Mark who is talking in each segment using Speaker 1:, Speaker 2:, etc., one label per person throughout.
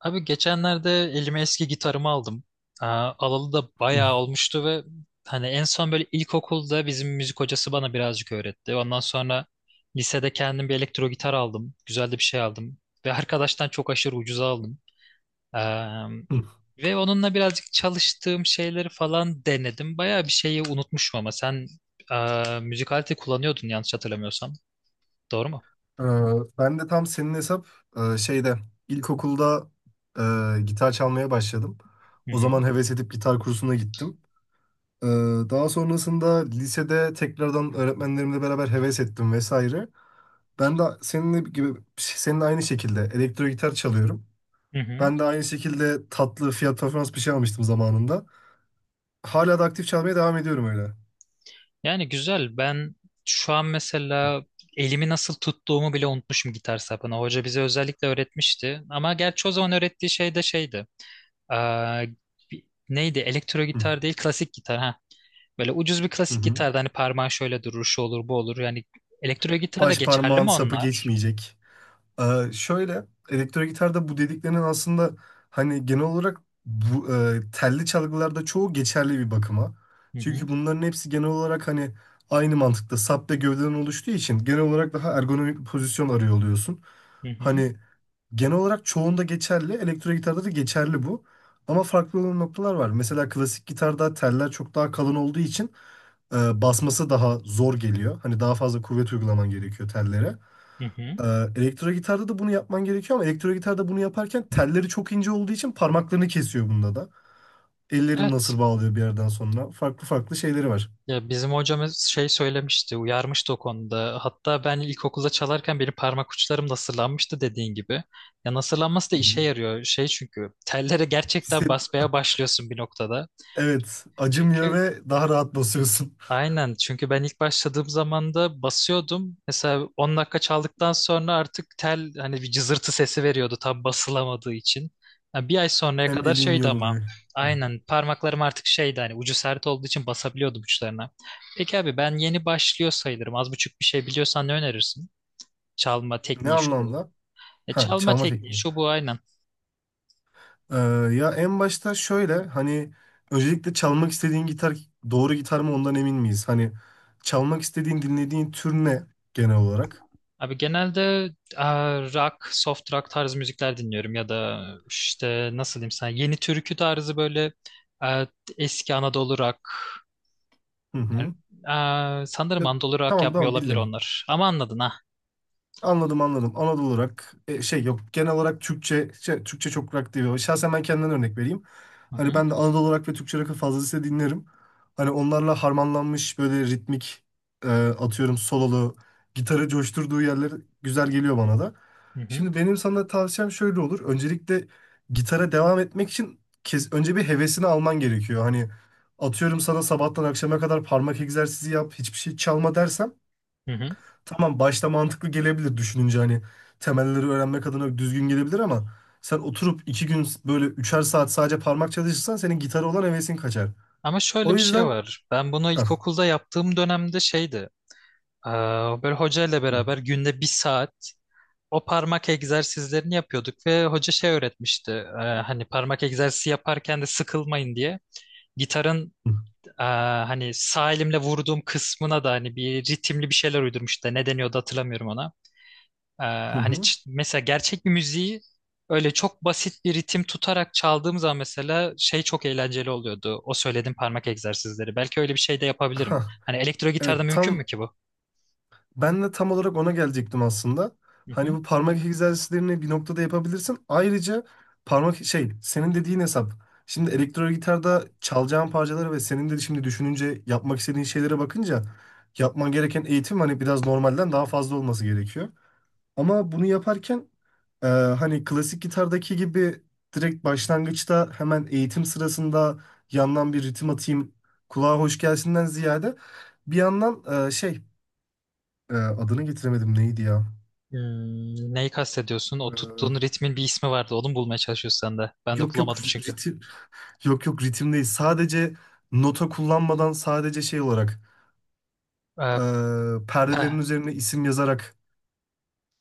Speaker 1: Abi geçenlerde elime eski gitarımı aldım. Aa, alalı da
Speaker 2: Hı,
Speaker 1: bayağı olmuştu ve hani en son böyle ilkokulda bizim müzik hocası bana birazcık öğretti. Ondan sonra lisede kendim bir elektro gitar aldım. Güzel de bir şey aldım. Ve arkadaştan çok aşırı ucuza aldım. Eee,
Speaker 2: hı.
Speaker 1: ve onunla birazcık çalıştığım şeyleri falan denedim. Bayağı bir şeyi unutmuşum ama sen müzik aleti kullanıyordun yanlış hatırlamıyorsam. Doğru mu?
Speaker 2: Ee, Ben de tam senin hesap şeyde ilkokulda gitar çalmaya başladım.
Speaker 1: Hı
Speaker 2: O
Speaker 1: hı.
Speaker 2: zaman heves edip gitar kursuna gittim. Ee, Daha sonrasında lisede tekrardan öğretmenlerimle beraber heves ettim vesaire. Ben de seninle gibi senin aynı şekilde elektro gitar çalıyorum.
Speaker 1: Hı hı.
Speaker 2: Ben de aynı şekilde tatlı fiyat performans bir şey almıştım zamanında. Hala da aktif çalmaya devam ediyorum öyle.
Speaker 1: Yani güzel. Ben şu an mesela elimi nasıl tuttuğumu bile unutmuşum gitar sapına. Hoca bize özellikle öğretmişti. Ama gerçi o zaman öğrettiği şey de şeydi. Aa, neydi? Elektro gitar değil, klasik gitar. Ha. Böyle ucuz bir
Speaker 2: Hı
Speaker 1: klasik
Speaker 2: hı.
Speaker 1: gitarda hani parmağın şöyle durur, şu olur, bu olur. Yani elektro gitar da
Speaker 2: Baş
Speaker 1: geçerli
Speaker 2: parmağın
Speaker 1: mi
Speaker 2: sapı
Speaker 1: onlar?
Speaker 2: geçmeyecek. Şöyle elektro gitarda bu dediklerinin aslında hani genel olarak bu telli çalgılarda çoğu geçerli bir bakıma.
Speaker 1: Hı hı,
Speaker 2: Çünkü bunların hepsi genel olarak hani aynı mantıkta sap ve gövdeden oluştuğu için genel olarak daha ergonomik bir pozisyon arıyor oluyorsun.
Speaker 1: hı hı,
Speaker 2: Hani genel olarak çoğunda geçerli, elektro gitarda da geçerli bu. Ama farklı olan noktalar var. Mesela klasik gitarda teller çok daha kalın olduğu için basması daha zor geliyor. Hani daha fazla kuvvet uygulaman gerekiyor tellere.
Speaker 1: hı hı.
Speaker 2: Ee, Elektro gitarda da bunu yapman gerekiyor ama elektro gitarda bunu yaparken telleri çok ince olduğu için parmaklarını kesiyor bunda da. Ellerini
Speaker 1: Evet.
Speaker 2: nasır bağlıyor bir yerden sonra. Farklı farklı şeyleri var.
Speaker 1: Ya bizim hocamız şey söylemişti, uyarmıştı o konuda. Hatta ben ilkokulda çalarken benim parmak uçlarım nasırlanmıştı dediğin gibi. Ya nasırlanması da
Speaker 2: Hı
Speaker 1: işe
Speaker 2: hı.
Speaker 1: yarıyor. Şey çünkü tellere gerçekten
Speaker 2: Hisset,
Speaker 1: basmaya başlıyorsun bir noktada.
Speaker 2: evet, acımıyor
Speaker 1: Çünkü
Speaker 2: ve daha rahat basıyorsun.
Speaker 1: Aynen çünkü ben ilk başladığım zaman da basıyordum. Mesela 10 dakika çaldıktan sonra artık tel hani bir cızırtı sesi veriyordu tam basılamadığı için. Yani bir ay sonraya
Speaker 2: Hem
Speaker 1: kadar
Speaker 2: elin
Speaker 1: şeydi ama
Speaker 2: yoruluyor. Hı.
Speaker 1: aynen parmaklarım artık şeydi hani ucu sert olduğu için basabiliyordum uçlarına. Peki abi ben yeni başlıyor sayılırım. Az buçuk bir şey biliyorsan ne önerirsin? Çalma
Speaker 2: Ne
Speaker 1: tekniği şu bu.
Speaker 2: anlamda? Ha,
Speaker 1: Çalma
Speaker 2: çalma
Speaker 1: tekniği
Speaker 2: tekniği.
Speaker 1: şu bu aynen.
Speaker 2: Ee, Ya en başta şöyle hani öncelikle çalmak istediğin gitar doğru gitar mı ondan emin miyiz? Hani çalmak istediğin dinlediğin tür ne genel olarak?
Speaker 1: Abi genelde e, rock, soft rock tarzı müzikler dinliyorum ya da işte nasıl diyeyim sana yeni türkü tarzı böyle e, eski Anadolu rock.
Speaker 2: Hı
Speaker 1: Yani,
Speaker 2: hı.
Speaker 1: sanırım
Speaker 2: Ya,
Speaker 1: Anadolu rock
Speaker 2: tamam
Speaker 1: yapmıyor
Speaker 2: tamam
Speaker 1: olabilir
Speaker 2: bildim.
Speaker 1: onlar. Ama anladın ha.
Speaker 2: Anladım anladım. Anadolu olarak şey yok genel olarak Türkçe şey, Türkçe çok rock değil. Şahsen ben kendimden örnek vereyim.
Speaker 1: Hı
Speaker 2: Hani
Speaker 1: hı,
Speaker 2: ben de Anadolu olarak ve Türkçe rock'ı fazlasıyla dinlerim. Hani onlarla harmanlanmış böyle ritmik atıyorum sololu gitarı coşturduğu yerler güzel geliyor bana da.
Speaker 1: hı hı,
Speaker 2: Şimdi benim sana tavsiyem şöyle olur. Öncelikle gitara devam etmek için kes, önce bir hevesini alman gerekiyor. Hani atıyorum sana sabahtan akşama kadar parmak egzersizi yap, hiçbir şey çalma dersem
Speaker 1: hı hı.
Speaker 2: tamam başta mantıklı gelebilir düşününce hani temelleri öğrenmek adına düzgün gelebilir ama sen oturup iki gün böyle üçer saat sadece parmak çalışırsan senin gitara olan hevesin kaçar.
Speaker 1: Ama şöyle
Speaker 2: O
Speaker 1: bir şey
Speaker 2: yüzden
Speaker 1: var. Ben bunu
Speaker 2: hah.
Speaker 1: ilkokulda yaptığım dönemde şeydi. e, Böyle hoca ile
Speaker 2: Hı,
Speaker 1: beraber günde bir saat o parmak egzersizlerini yapıyorduk ve hoca şey öğretmişti. Hani parmak egzersizi yaparken de sıkılmayın diye gitarın
Speaker 2: hı,
Speaker 1: Hani sağ elimle vurduğum kısmına da hani bir ritimli bir şeyler uydurmuş da ne deniyordu hatırlamıyorum ona. Ee,
Speaker 2: hı,
Speaker 1: Hani
Speaker 2: hı.
Speaker 1: mesela gerçek bir müziği öyle çok basit bir ritim tutarak çaldığım zaman mesela şey çok eğlenceli oluyordu. O söylediğim parmak egzersizleri. Belki öyle bir şey de yapabilirim.
Speaker 2: Hah.
Speaker 1: Hani elektro gitarda
Speaker 2: Evet
Speaker 1: mümkün mü
Speaker 2: tam,
Speaker 1: ki bu?
Speaker 2: ben de tam olarak ona gelecektim aslında.
Speaker 1: Hı
Speaker 2: Hani
Speaker 1: hı.
Speaker 2: bu parmak egzersizlerini bir noktada yapabilirsin. Ayrıca parmak şey senin dediğin hesap. Şimdi elektro gitarda çalacağın parçalara ve senin de şimdi düşününce yapmak istediğin şeylere bakınca yapman gereken eğitim hani biraz normalden daha fazla olması gerekiyor. Ama bunu yaparken hani klasik gitardaki gibi direkt başlangıçta hemen eğitim sırasında yandan bir ritim atayım kulağa hoş gelsinden ziyade bir yandan şey adını getiremedim neydi ya?
Speaker 1: Hmm, neyi kastediyorsun? O tuttuğun
Speaker 2: Ee,
Speaker 1: ritmin bir ismi vardı. Onu mu bulmaya çalışıyorsun sen de. Ben de
Speaker 2: yok
Speaker 1: bulamadım çünkü.
Speaker 2: ritim, yok ritim değil. Sadece nota kullanmadan sadece şey olarak
Speaker 1: Ee,
Speaker 2: perdelerin
Speaker 1: pe-
Speaker 2: üzerine isim yazarak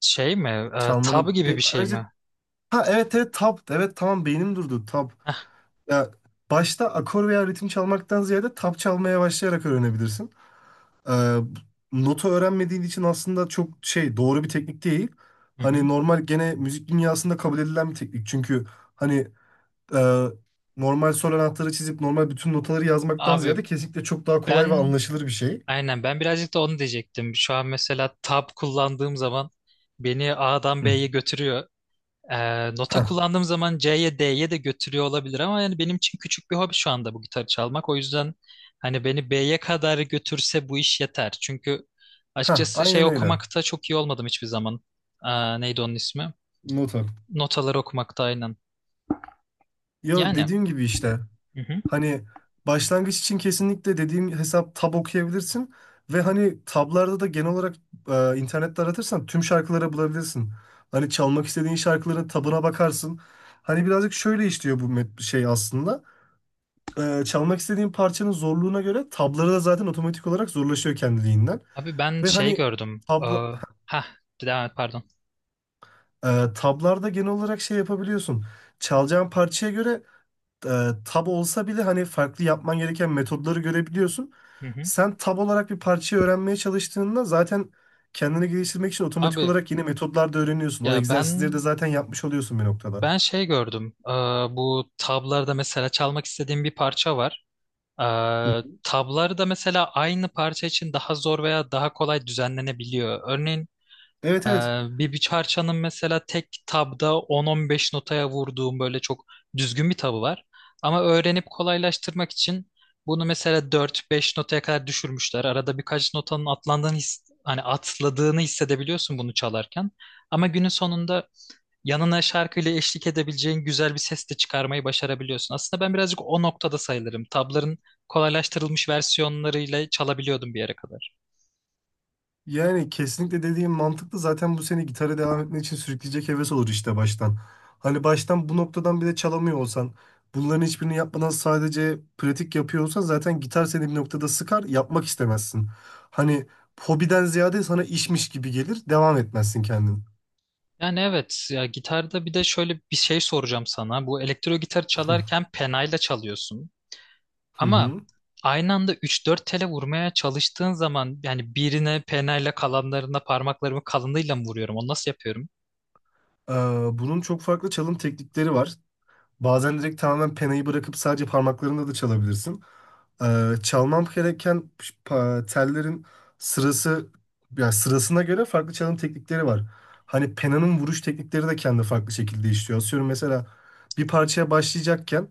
Speaker 1: şey mi? Tab
Speaker 2: çalmanın
Speaker 1: gibi bir
Speaker 2: bir
Speaker 1: şey
Speaker 2: ayrıca
Speaker 1: mi?
Speaker 2: ha evet tap evet tamam beynim durdu tap.
Speaker 1: Heh,
Speaker 2: Ya başta akor veya ritim çalmaktan ziyade tap çalmaya başlayarak öğrenebilirsin. Ee, Nota öğrenmediğin için aslında çok şey doğru bir teknik değil.
Speaker 1: hı hı.
Speaker 2: Hani normal gene müzik dünyasında kabul edilen bir teknik. Çünkü hani e, normal sol anahtarı çizip normal bütün notaları yazmaktan
Speaker 1: Abi
Speaker 2: ziyade kesinlikle çok daha kolay ve
Speaker 1: ben
Speaker 2: anlaşılır bir şey.
Speaker 1: Aynen ben birazcık da onu diyecektim. Şu an mesela tab kullandığım zaman beni A'dan
Speaker 2: Hı.
Speaker 1: B'ye götürüyor. Nota
Speaker 2: Hah,
Speaker 1: kullandığım zaman C'ye D'ye de götürüyor olabilir ama yani benim için küçük bir hobi şu anda bu gitarı çalmak. O yüzden hani beni B'ye kadar götürse bu iş yeter. Çünkü
Speaker 2: hah,
Speaker 1: açıkçası şey
Speaker 2: aynen öyle.
Speaker 1: okumakta çok iyi olmadım hiçbir zaman. Aa, neydi onun ismi?
Speaker 2: Nota.
Speaker 1: Notaları okumakta aynen.
Speaker 2: Ya
Speaker 1: Yani.
Speaker 2: dediğim gibi işte
Speaker 1: Hı hı.
Speaker 2: hani başlangıç için kesinlikle dediğim hesap tab okuyabilirsin ve hani tablarda da genel olarak internette aratırsan tüm şarkıları bulabilirsin. Hani çalmak istediğin şarkıların tabına bakarsın. Hani birazcık şöyle işliyor bu şey aslında. E, çalmak istediğin parçanın zorluğuna göre tabları da zaten otomatik olarak zorlaşıyor kendiliğinden.
Speaker 1: Abi ben
Speaker 2: Ve
Speaker 1: şey
Speaker 2: hani
Speaker 1: gördüm.
Speaker 2: tabla,
Speaker 1: Aa, ha, devam et pardon.
Speaker 2: tablarda genel olarak şey yapabiliyorsun. Çalacağın parçaya göre e, tab olsa bile hani farklı yapman gereken metodları görebiliyorsun.
Speaker 1: Hı hı.
Speaker 2: Sen tab olarak bir parçayı öğrenmeye çalıştığında zaten kendini geliştirmek için otomatik
Speaker 1: Abi
Speaker 2: olarak yeni metodlar da öğreniyorsun.
Speaker 1: ya
Speaker 2: O
Speaker 1: ben
Speaker 2: egzersizleri de zaten yapmış oluyorsun bir noktada.
Speaker 1: Ben şey gördüm. Bu tablarda mesela çalmak istediğim bir parça var. Ee,
Speaker 2: Hı hı.
Speaker 1: tablarda mesela aynı parça için daha zor veya daha kolay düzenlenebiliyor. Örneğin
Speaker 2: Evet
Speaker 1: e,
Speaker 2: evet.
Speaker 1: bir parçanın mesela tek tabda 10-15 notaya vurduğum böyle çok düzgün bir tabı var. Ama öğrenip kolaylaştırmak için bunu mesela 4-5 notaya kadar düşürmüşler. Arada birkaç notanın atlandığını hani atladığını hissedebiliyorsun bunu çalarken. Ama günün sonunda yanına şarkıyla eşlik edebileceğin güzel bir ses de çıkarmayı başarabiliyorsun. Aslında ben birazcık o noktada sayılırım. Tabların kolaylaştırılmış versiyonlarıyla çalabiliyordum bir yere kadar.
Speaker 2: Yani kesinlikle dediğim mantıklı. Zaten bu seni gitara devam etmek için sürükleyecek heves olur işte baştan. Hani baştan bu noktadan bile çalamıyor olsan, bunların hiçbirini yapmadan sadece pratik yapıyor olsan zaten gitar seni bir noktada sıkar, yapmak istemezsin. Hani hobiden ziyade sana işmiş gibi gelir, devam etmezsin kendin.
Speaker 1: Yani evet ya gitarda bir de şöyle bir şey soracağım sana. Bu elektro gitar çalarken penayla çalıyorsun.
Speaker 2: Hı
Speaker 1: Ama
Speaker 2: hı.
Speaker 1: aynı anda üç dört tele vurmaya çalıştığın zaman yani birine penayla kalanlarına parmaklarımı kalınlığıyla mı vuruyorum? Onu nasıl yapıyorum?
Speaker 2: Ee, Bunun çok farklı çalım teknikleri var. Bazen direkt tamamen penayı bırakıp sadece parmaklarında da çalabilirsin. Çalmam gereken tellerin sırası yani sırasına göre farklı çalım teknikleri var. Hani penanın vuruş teknikleri de kendi farklı şekilde işliyor. Atıyorum mesela bir parçaya başlayacakken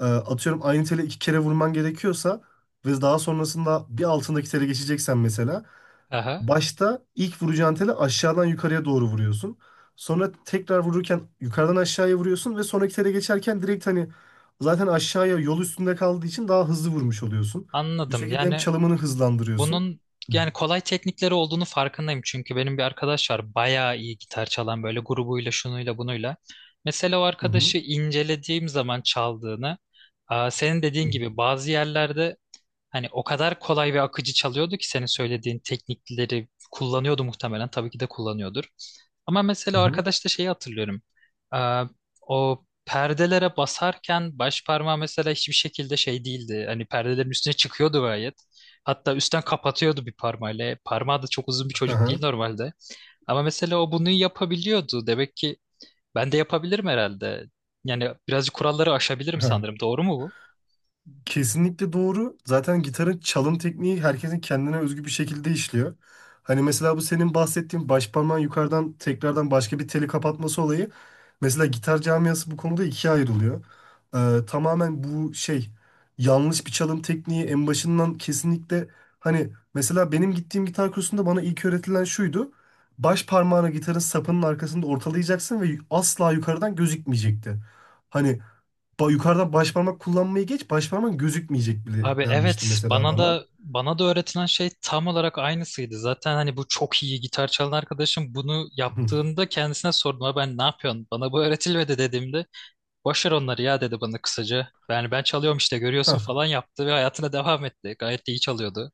Speaker 2: atıyorum aynı tele iki kere vurman gerekiyorsa ve daha sonrasında bir altındaki tele geçeceksen mesela
Speaker 1: Aha,
Speaker 2: başta ilk vuracağın teli aşağıdan yukarıya doğru vuruyorsun. Sonra tekrar vururken yukarıdan aşağıya vuruyorsun ve sonraki tele geçerken direkt hani zaten aşağıya yol üstünde kaldığı için daha hızlı vurmuş oluyorsun. Bu
Speaker 1: anladım.
Speaker 2: şekilde hem çalımını hızlandırıyorsun.
Speaker 1: Bunun yani kolay teknikleri olduğunu farkındayım çünkü benim bir arkadaş var bayağı iyi gitar çalan böyle grubuyla şunuyla bunuyla. Mesela o
Speaker 2: Hı hı.
Speaker 1: arkadaşı incelediğim zaman çaldığını, aa, senin dediğin gibi bazı yerlerde hani o kadar kolay ve akıcı çalıyordu ki senin söylediğin teknikleri kullanıyordu muhtemelen. Tabii ki de kullanıyordur. Ama
Speaker 2: Hı
Speaker 1: mesela
Speaker 2: hı.
Speaker 1: arkadaşta şeyi hatırlıyorum. Ee, o perdelere basarken baş parmağı mesela hiçbir şekilde şey değildi. Hani perdelerin üstüne çıkıyordu gayet. Hatta üstten kapatıyordu bir parmağıyla. Parmağı da çok uzun bir
Speaker 2: Hı
Speaker 1: çocuk değil
Speaker 2: hı.
Speaker 1: normalde. Ama mesela o bunu yapabiliyordu. Demek ki ben de yapabilirim herhalde. Yani birazcık kuralları aşabilirim sanırım. Doğru mu bu?
Speaker 2: Kesinlikle doğru. Zaten gitarın çalım tekniği herkesin kendine özgü bir şekilde işliyor. Hani mesela bu senin bahsettiğin baş parmağın yukarıdan tekrardan başka bir teli kapatması olayı. Mesela gitar camiası bu konuda ikiye ayrılıyor. Tamamen bu şey yanlış bir çalım tekniği en başından kesinlikle hani mesela benim gittiğim gitar kursunda bana ilk öğretilen şuydu. Baş parmağını gitarın sapının arkasında ortalayacaksın ve asla yukarıdan gözükmeyecekti. Hani yukarıdan başparmak kullanmayı geç, başparmağın gözükmeyecek
Speaker 1: Abi
Speaker 2: bile denmişti
Speaker 1: evet
Speaker 2: mesela
Speaker 1: bana
Speaker 2: bana.
Speaker 1: da bana da öğretilen şey tam olarak aynısıydı. Zaten hani bu çok iyi gitar çalan arkadaşım bunu
Speaker 2: Hı.
Speaker 1: yaptığında kendisine sordum. "Abi ben ne yapıyorsun? Bana bu öğretilmedi" dediğimde "boş ver onları ya" dedi bana kısaca. Yani ben çalıyorum işte görüyorsun
Speaker 2: Hah,
Speaker 1: falan yaptı ve hayatına devam etti. Gayet de iyi çalıyordu.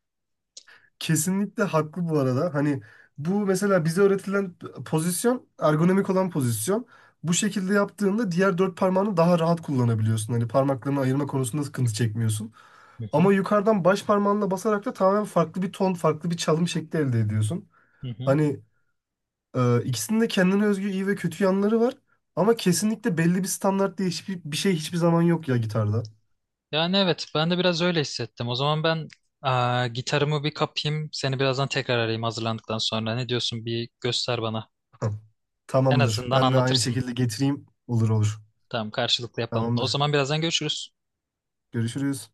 Speaker 2: kesinlikle haklı bu arada. Hani bu mesela bize öğretilen pozisyon, ergonomik olan pozisyon. Bu şekilde yaptığında diğer dört parmağını daha rahat kullanabiliyorsun. Hani parmaklarını ayırma konusunda sıkıntı çekmiyorsun.
Speaker 1: Hı hı.
Speaker 2: Ama yukarıdan baş parmağınla basarak da tamamen farklı bir ton, farklı bir çalım şekli elde ediyorsun.
Speaker 1: Hı hı.
Speaker 2: Hani ikisinin de kendine özgü iyi ve kötü yanları var. Ama kesinlikle belli bir standart diye hiçbir şey hiçbir zaman yok ya gitarda.
Speaker 1: Yani evet ben de biraz öyle hissettim. O zaman ben aa, gitarımı bir kapayım. Seni birazdan tekrar arayayım hazırlandıktan sonra. Ne diyorsun bir göster bana.
Speaker 2: Tamam.
Speaker 1: En
Speaker 2: Tamamdır.
Speaker 1: azından
Speaker 2: Ben de aynı
Speaker 1: anlatırsın.
Speaker 2: şekilde getireyim. Olur olur.
Speaker 1: Tamam karşılıklı yapalım. O
Speaker 2: Tamamdır.
Speaker 1: zaman birazdan görüşürüz.
Speaker 2: Görüşürüz.